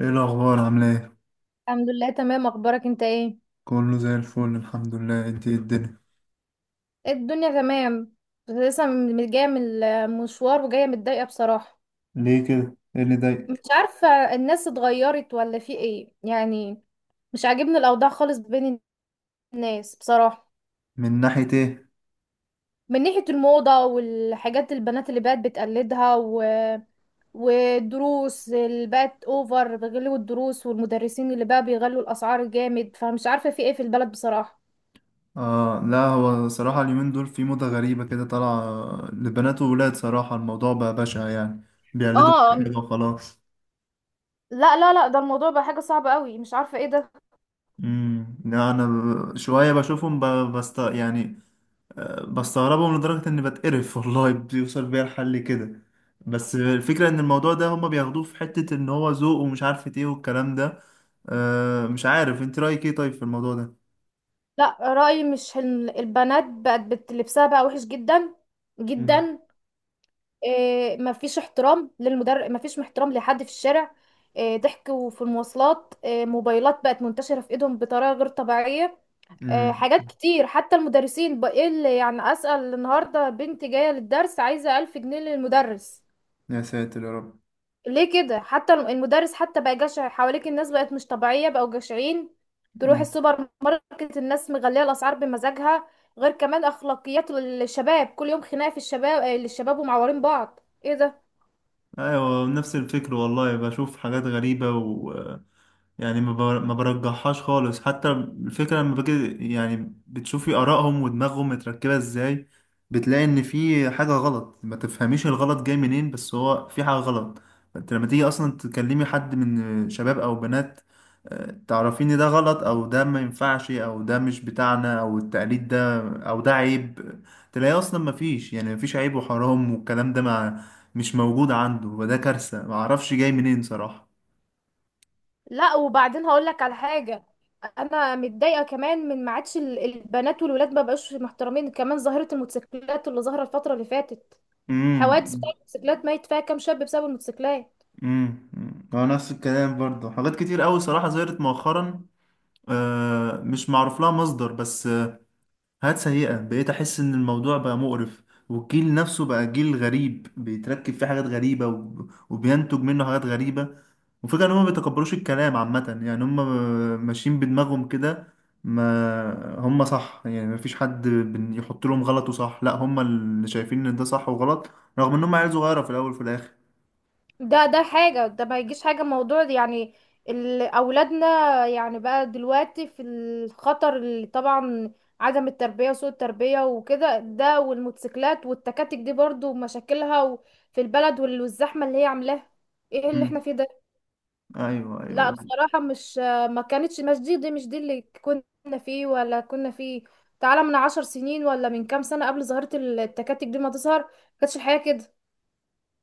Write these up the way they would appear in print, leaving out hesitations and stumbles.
ايه الاخبار؟ عامله ايه؟ الحمد لله، تمام. اخبارك انت؟ ايه، كله زي الفل الحمد لله. انت إيه الدنيا؟ إيه الدنيا؟ تمام. بس لسه جايه من المشوار وجايه متضايقه بصراحه. ليه كده؟ ايه اللي مش ضايقك؟ عارفه، الناس اتغيرت ولا في ايه يعني؟ مش عاجبني الاوضاع خالص بين الناس بصراحه. من ناحيه ايه؟ من ناحيه الموضه والحاجات، البنات اللي بقت بتقلدها والدروس اللي بقت اوفر، بيغلوا الدروس، والمدرسين اللي بقى بيغلوا الاسعار جامد، فمش عارفه في ايه في البلد بصراحه. اه لا، هو صراحه اليومين دول في موضه غريبه كده طالعه لبنات وولاد. صراحه الموضوع بقى بشع يعني، بيقلدوا اه، كده وخلاص. لا لا لا، ده الموضوع بقى حاجه صعبه قوي، مش عارفه ايه ده. لا انا شويه بشوفهم بست يعني، بستغربهم لدرجة إني بتقرف والله بيوصل بيا الحل كده. بس الفكرة إن الموضوع ده هما بياخدوه في حتة إن هو ذوق ومش عارف إيه والكلام ده. مش عارف أنت رأيك إيه طيب في الموضوع ده؟ لا، رأيي مش حلم، البنات بقت لبسها بقى وحش جدا مم. جدا. إيه؟ مفيش احترام للمدرب، مفيش احترام لحد في الشارع. إيه؟ ضحك في المواصلات. إيه؟ موبايلات بقت منتشرة في ايدهم بطريقة غير طبيعية. إيه؟ مم. حاجات كتير، حتى المدرسين بقى ايه اللي يعني، أسأل النهاردة بنتي جاية للدرس عايزة 1000 جنيه للمدرس. يا ساتر يا رب. ليه كده؟ حتى المدرس حتى بقى جشع. حواليك الناس بقت مش طبيعية، بقوا جشعين. تروح السوبر ماركت، الناس مغلية الأسعار بمزاجها. غير كمان أخلاقيات الشباب، كل يوم خناقة في الشباب الشباب، ومعورين بعض. ايه ده؟ ايوه نفس الفكر والله، بشوف حاجات غريبة، و يعني ما برجحهاش خالص. حتى الفكرة لما باجي يعني بتشوفي آرائهم ودماغهم متركبة ازاي، بتلاقي ان في حاجة غلط. ما تفهميش الغلط جاي منين، بس هو في حاجة غلط. فانت لما تيجي اصلا تكلمي حد من شباب او بنات، تعرفين ان ده غلط او ده ما ينفعش او ده مش بتاعنا او التقليد ده او ده عيب، تلاقي اصلا ما فيش يعني ما فيش عيب وحرام والكلام ده، مش موجود عنده. وده كارثة، معرفش جاي منين صراحة. لا، وبعدين هقولك على حاجة. انا متضايقة كمان من ما عادش، البنات والولاد ما بقوش محترمين. كمان ظاهرة الموتوسيكلات اللي ظهرت الفترة اللي فاتت، حوادث امم بتاعت الموتوسيكلات، ميت فيها كام شاب بسبب الموتوسيكلات. امم، هو نفس الكلام برضه. حاجات كتير قوي صراحة ظهرت مؤخرا، مش معروف لها مصدر. بس حاجات سيئة، بقيت أحس إن الموضوع بقى مقرف، والجيل نفسه بقى جيل غريب بيتركب فيه حاجات غريبة وبينتج منه حاجات غريبة. وفكرة إن هما ما بيتقبلوش الكلام عامة، يعني هما ماشيين بدماغهم كده. ما هما صح يعني، ما فيش حد يحط لهم غلط وصح، لا، هما اللي شايفين إن ده صح وغلط، رغم إن هما عيال صغيرة في الأول وفي الآخر. ده حاجة، ده ما يجيش حاجة موضوع ده يعني. أولادنا يعني بقى دلوقتي في الخطر اللي طبعا، عدم التربية وسوء التربية وكده، ده والموتوسيكلات والتكاتك دي برضو مشاكلها في البلد، والزحمة اللي هي عاملاها. ايه اللي احنا مم. فيه ده؟ أيوه لا أيوه. بصراحة مش، ما كانتش، مش دي, دي مش دي اللي كنا فيه ولا كنا فيه. تعالى من 10 سنين ولا من كام سنة قبل ظاهرة التكاتك دي ما تظهر، كانتش الحياة كده.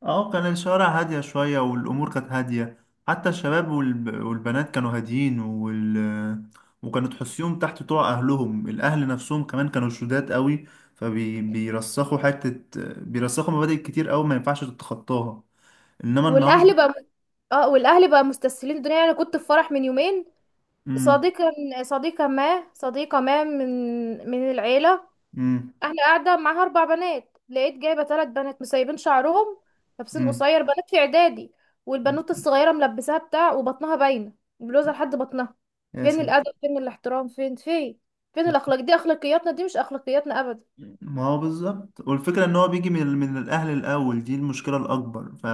اه كان الشوارع هادية شوية والأمور كانت هادية، حتى الشباب والب... والبنات كانوا هاديين وال... وكانوا تحسيهم تحت طوع أهلهم. الأهل نفسهم كمان كانوا شداد قوي، فبيرسخوا حتة، بيرسخوا مبادئ كتير قوي ما ينفعش تتخطاها. إنما النهاردة. والاهل بقى، اه والاهل بقى مستسهلين الدنيا. يعني انا كنت في فرح من يومين، مم. صديقة صديقة ما صديقة ما من من العيلة، مم. احنا قاعدة معاها. اربع بنات، لقيت جايبة ثلاث بنات مسيبين شعرهم، لابسين مم. قصير، بنات في اعدادي. والبنوت الصغيرة ملبساها بتاع وبطنها باينة، بلوزة لحد بطنها. يا فين ساتر. الادب؟ فين الاحترام؟ فين فين؟ فين الاخلاق دي؟ اخلاقياتنا دي؟ مش اخلاقياتنا ابدا. ما هو بالظبط، والفكرة ان هو بيجي من من الاهل الاول، دي المشكلة الاكبر. ف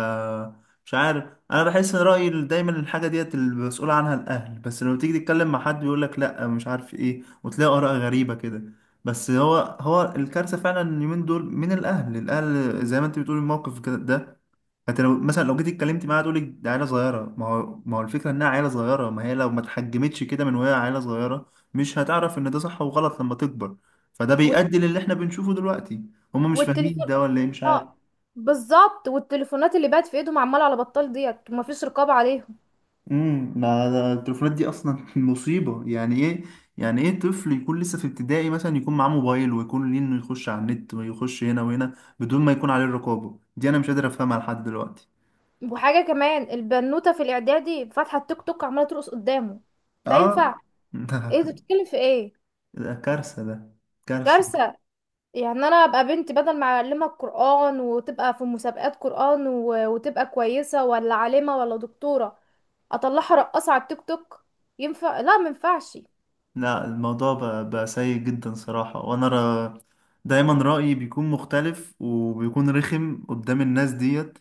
مش عارف، انا بحس ان رأيي دايما الحاجة ديت المسؤول عنها الاهل، بس لما تيجي تتكلم مع حد يقول لك لا مش عارف ايه، وتلاقي اراء غريبة كده. بس هو هو الكارثة فعلا اليومين دول من الاهل. الاهل زي ما انت بتقول الموقف ده. انت لو مثلا لو جيت اتكلمت معاها تقول لك ده عيله صغيره. ما هو الفكره انها عيله صغيره، ما هي لو ما اتحجمتش كده من وهي عيله صغيره مش هتعرف ان ده صح وغلط لما تكبر، فده والت- بيؤدي للي احنا بنشوفه دلوقتي. هما مش فاهمين والتليفون، ده ولا ايه، مش عارف. اه بالظبط، والتليفونات اللي بقت في ايدهم عمالة على بطال ديت، ومفيش رقابة عليهم. امم، ما ده التليفونات دي اصلا مصيبه. يعني ايه يعني ايه طفل يكون لسه في ابتدائي مثلا يكون معاه موبايل ويكون ليه انه يخش على النت ويخش هنا وهنا بدون ما يكون عليه الرقابه دي؟ انا مش قادر افهمها لحد دلوقتي. وحاجة كمان، البنوتة في الإعدادي فاتحة التيك توك عمالة ترقص قدامه. ده اه ينفع؟ ده ايه ده؟ بتتكلم في ايه؟ ده كارثه، ده كارثه. كارثة. يعني انا ابقى بنت، بدل ما اعلمها القرآن وتبقى في مسابقات قرآن وتبقى كويسة ولا عالمة ولا دكتورة، اطلعها رقاصة على التيك توك؟ ينفع؟ لا مينفعش. لا الموضوع بقى، بقى سيء جدا صراحة. وانا را دايما رأيي بيكون مختلف وبيكون رخم قدام الناس ديت.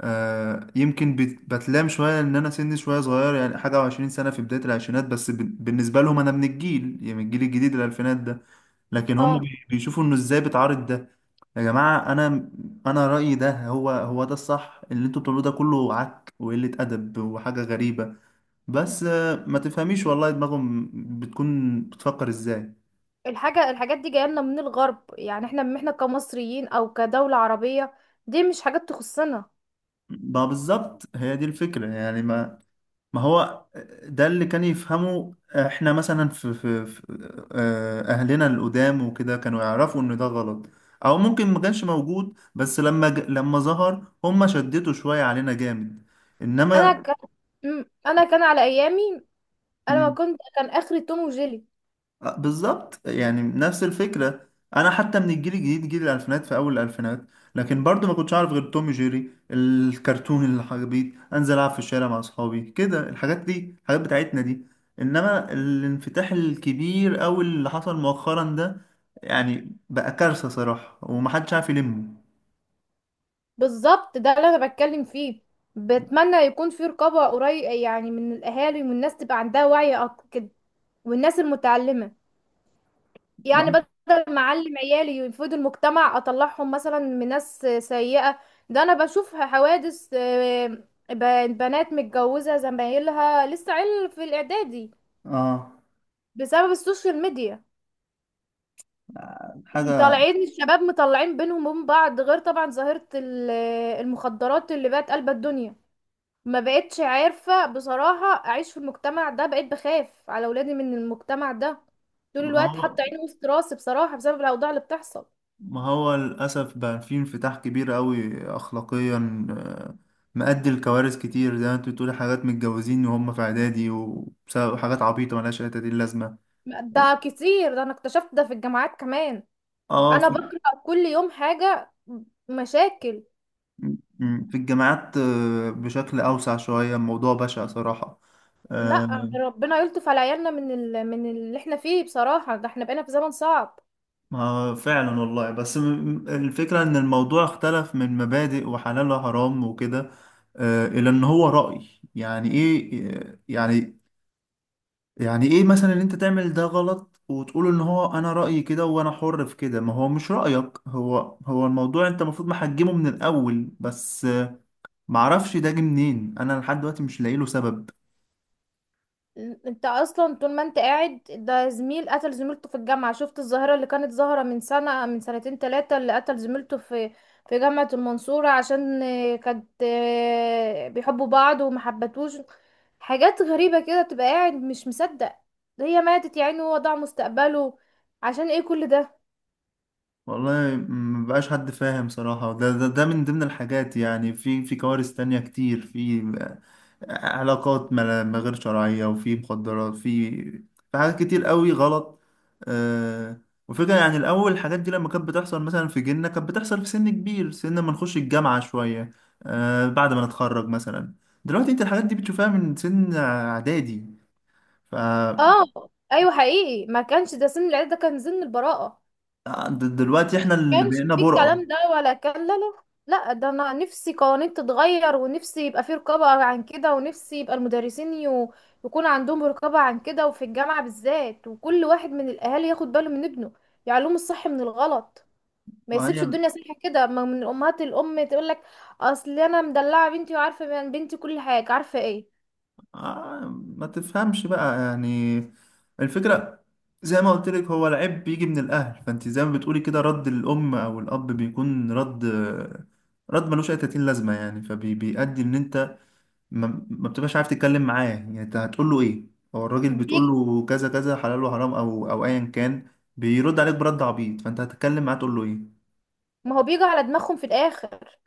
آه، يمكن بتلام شوية ان انا سني شوية صغير يعني، حاجة وعشرين سنة في بداية العشرينات، بس بالنسبة لهم انا من الجيل يعني من الجيل الجديد الالفينات ده. لكن هم اه، بيشوفوا انه ازاي بتعارض ده. يا جماعة انا، انا رأيي ده هو هو ده الصح، اللي انتوا بتعملوه ده كله عك وقلة ادب وحاجة غريبة. بس ما تفهميش والله دماغهم بتكون بتفكر ازاي. الحاجة، الحاجات دي جاية لنا من الغرب. يعني احنا كمصريين او كدولة عربية، دي مش حاجات تخصنا. ما بالظبط هي دي الفكرة يعني. ما ما هو، ده اللي كان يفهمه. احنا مثلا في، في، في اهلنا القدام وكده كانوا يعرفوا ان ده غلط، او ممكن ما كانش موجود، بس لما ج... لما ظهر هم شدتوا شوية علينا جامد. انا انما، ك... انا كان على ايامي، انا ما كنت كان اخري توم وجيلي. بالظبط يعني نفس الفكرة. أنا حتى من الجيل الجديد، جيل الألفينات، في أول الألفينات، لكن برضو ما كنتش أعرف غير توم جيري الكرتون. اللي حبيت أنزل ألعب في الشارع مع أصحابي كده، الحاجات دي، الحاجات بتاعتنا دي. إنما الانفتاح الكبير أوي اللي حصل مؤخرا ده يعني بقى كارثة صراحة، ومحدش عارف يلمه. بالظبط، ده اللي انا بتكلم فيه. بتمنى يكون في رقابة قريب، يعني من الاهالي، والناس تبقى عندها وعي اكتر كده، والناس المتعلمة. يعني ما- بدل ما اعلم عيالي يفيدوا المجتمع، اطلعهم مثلا من ناس سيئة. ده انا بشوف حوادث. بنات متجوزة، زمايلها لسه عيل في الاعدادي، آه بسبب السوشيال ميديا. حاجة. طالعين الشباب مطلعين بينهم وبين بعض. غير طبعا ظاهرة المخدرات اللي بقت قلب الدنيا. ما بقتش عارفة بصراحة اعيش في المجتمع ده، بقيت بخاف على ولادي من المجتمع ده، طول الوقت هو حاطة عيني وسط راسي بصراحة بسبب الاوضاع اللي بتحصل. ما هو للأسف بقى في انفتاح كبير قوي أخلاقيا، مؤدي لكوارث كتير، زي ما انت بتقولي حاجات متجوزين وهم في إعدادي، وبسبب حاجات عبيطة ملهاش أي تدين لازمة. و- ده كتير، ده انا اكتشفت ده في الجامعات كمان، اه انا في، بقرأ كل يوم حاجة، مشاكل. في الجامعات، بشكل أوسع شوية، الموضوع بشع صراحة. لا، آه. ربنا يلطف على عيالنا من اللي احنا فيه بصراحة، ده احنا بقينا في زمن صعب. ما فعلا والله، بس الفكرة إن الموضوع اختلف من مبادئ وحلال وحرام وكده إلى إن هو رأي، يعني إيه يعني؟ يعني ايه مثلا ان انت تعمل ده غلط وتقول ان هو انا رأيي كده وانا حر في كده؟ ما هو مش رأيك، هو هو الموضوع انت المفروض محجمه من الاول، بس معرفش ده جه منين. انا لحد دلوقتي مش لاقي له سبب. انت اصلا طول ما انت قاعد ده، زميل قتل زميلته في الجامعة، شفت الظاهرة اللي كانت ظاهرة من سنة، من سنتين تلاتة، اللي قتل زميلته في جامعة المنصورة، عشان كانت، بيحبوا بعض ومحبتوش. حاجات غريبة كده، تبقى قاعد مش مصدق. هي ماتت يا عيني، وهو ضاع مستقبله، عشان ايه كل ده؟ والله مبقاش حد فاهم صراحة. ده، ده ده من ضمن الحاجات. يعني في في كوارث تانية كتير، في علاقات ما غير شرعية، وفي مخدرات، في في حاجات كتير قوي غلط. آه. وفكرة يعني الأول الحاجات دي لما كانت بتحصل مثلا في جيلنا كانت بتحصل في سن كبير، سن ما نخش الجامعة شوية، آه بعد ما نتخرج مثلا. دلوقتي انت الحاجات دي بتشوفها من سن إعدادي. ف اه، ايوه، حقيقي، ما كانش ده سن العيلة، ده كان سن البراءة. دلوقتي احنا اللي كانش بقينا في برقة. الكلام ده ولا كان، لا لا. لا، ده انا نفسي قوانين تتغير، ونفسي يبقى في رقابة عن كده، ونفسي يبقى المدرسين يكون عندهم رقابة عن كده، وفي الجامعة بالذات، وكل واحد من الاهالي ياخد باله من ابنه، يعلمه الصح من الغلط، ما ما يسيبش هي الدنيا سايحة كده. ما من الامهات، الام تقول لك: اصل انا مدلعة بنتي وعارفة من بنتي كل حاجة. عارفة ايه؟ آه، ما تفهمش بقى يعني. الفكرة زي ما قلت لك، هو العيب بيجي من الأهل. فأنت زي ما بتقولي كده، رد الأم أو الأب بيكون رد، رد ملوش أي تأتين لازمة يعني، فبيؤدي إن أنت ما بتبقاش عارف تتكلم معاه. يعني أنت هتقول له إيه؟ هو الراجل بتقول بيجي، له كذا كذا حلال وحرام أو أو أيا كان، بيرد عليك برد عبيط، فأنت هتتكلم معاه تقول له إيه؟ ما هو بيجي على دماغهم في الاخر.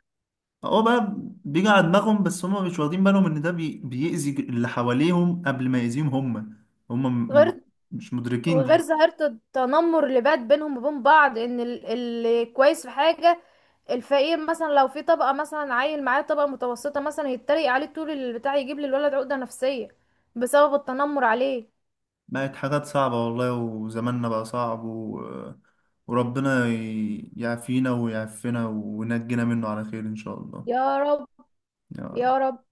هو بقى بيجي على دماغهم، بس هم مش واخدين بالهم ان ده بي... بيأذي اللي حواليهم قبل ما يأذيهم هم. هم غير، مش مدركين وغير دي. ظاهرة التنمر اللي بقت بينهم وبين بعض، ان اللي كويس في حاجة، الفقير مثلا، لو في طبقة مثلا عيل معاه طبقة متوسطة مثلا، يتريق عليه طول البتاع، يجيب للولد عقدة نفسية بسبب التنمر عليه. بقت حاجات صعبة والله، وزماننا بقى صعب و... وربنا يعافينا ويعفنا وينجينا منه على خير إن شاء الله. يا رب، يا يا رب. رب.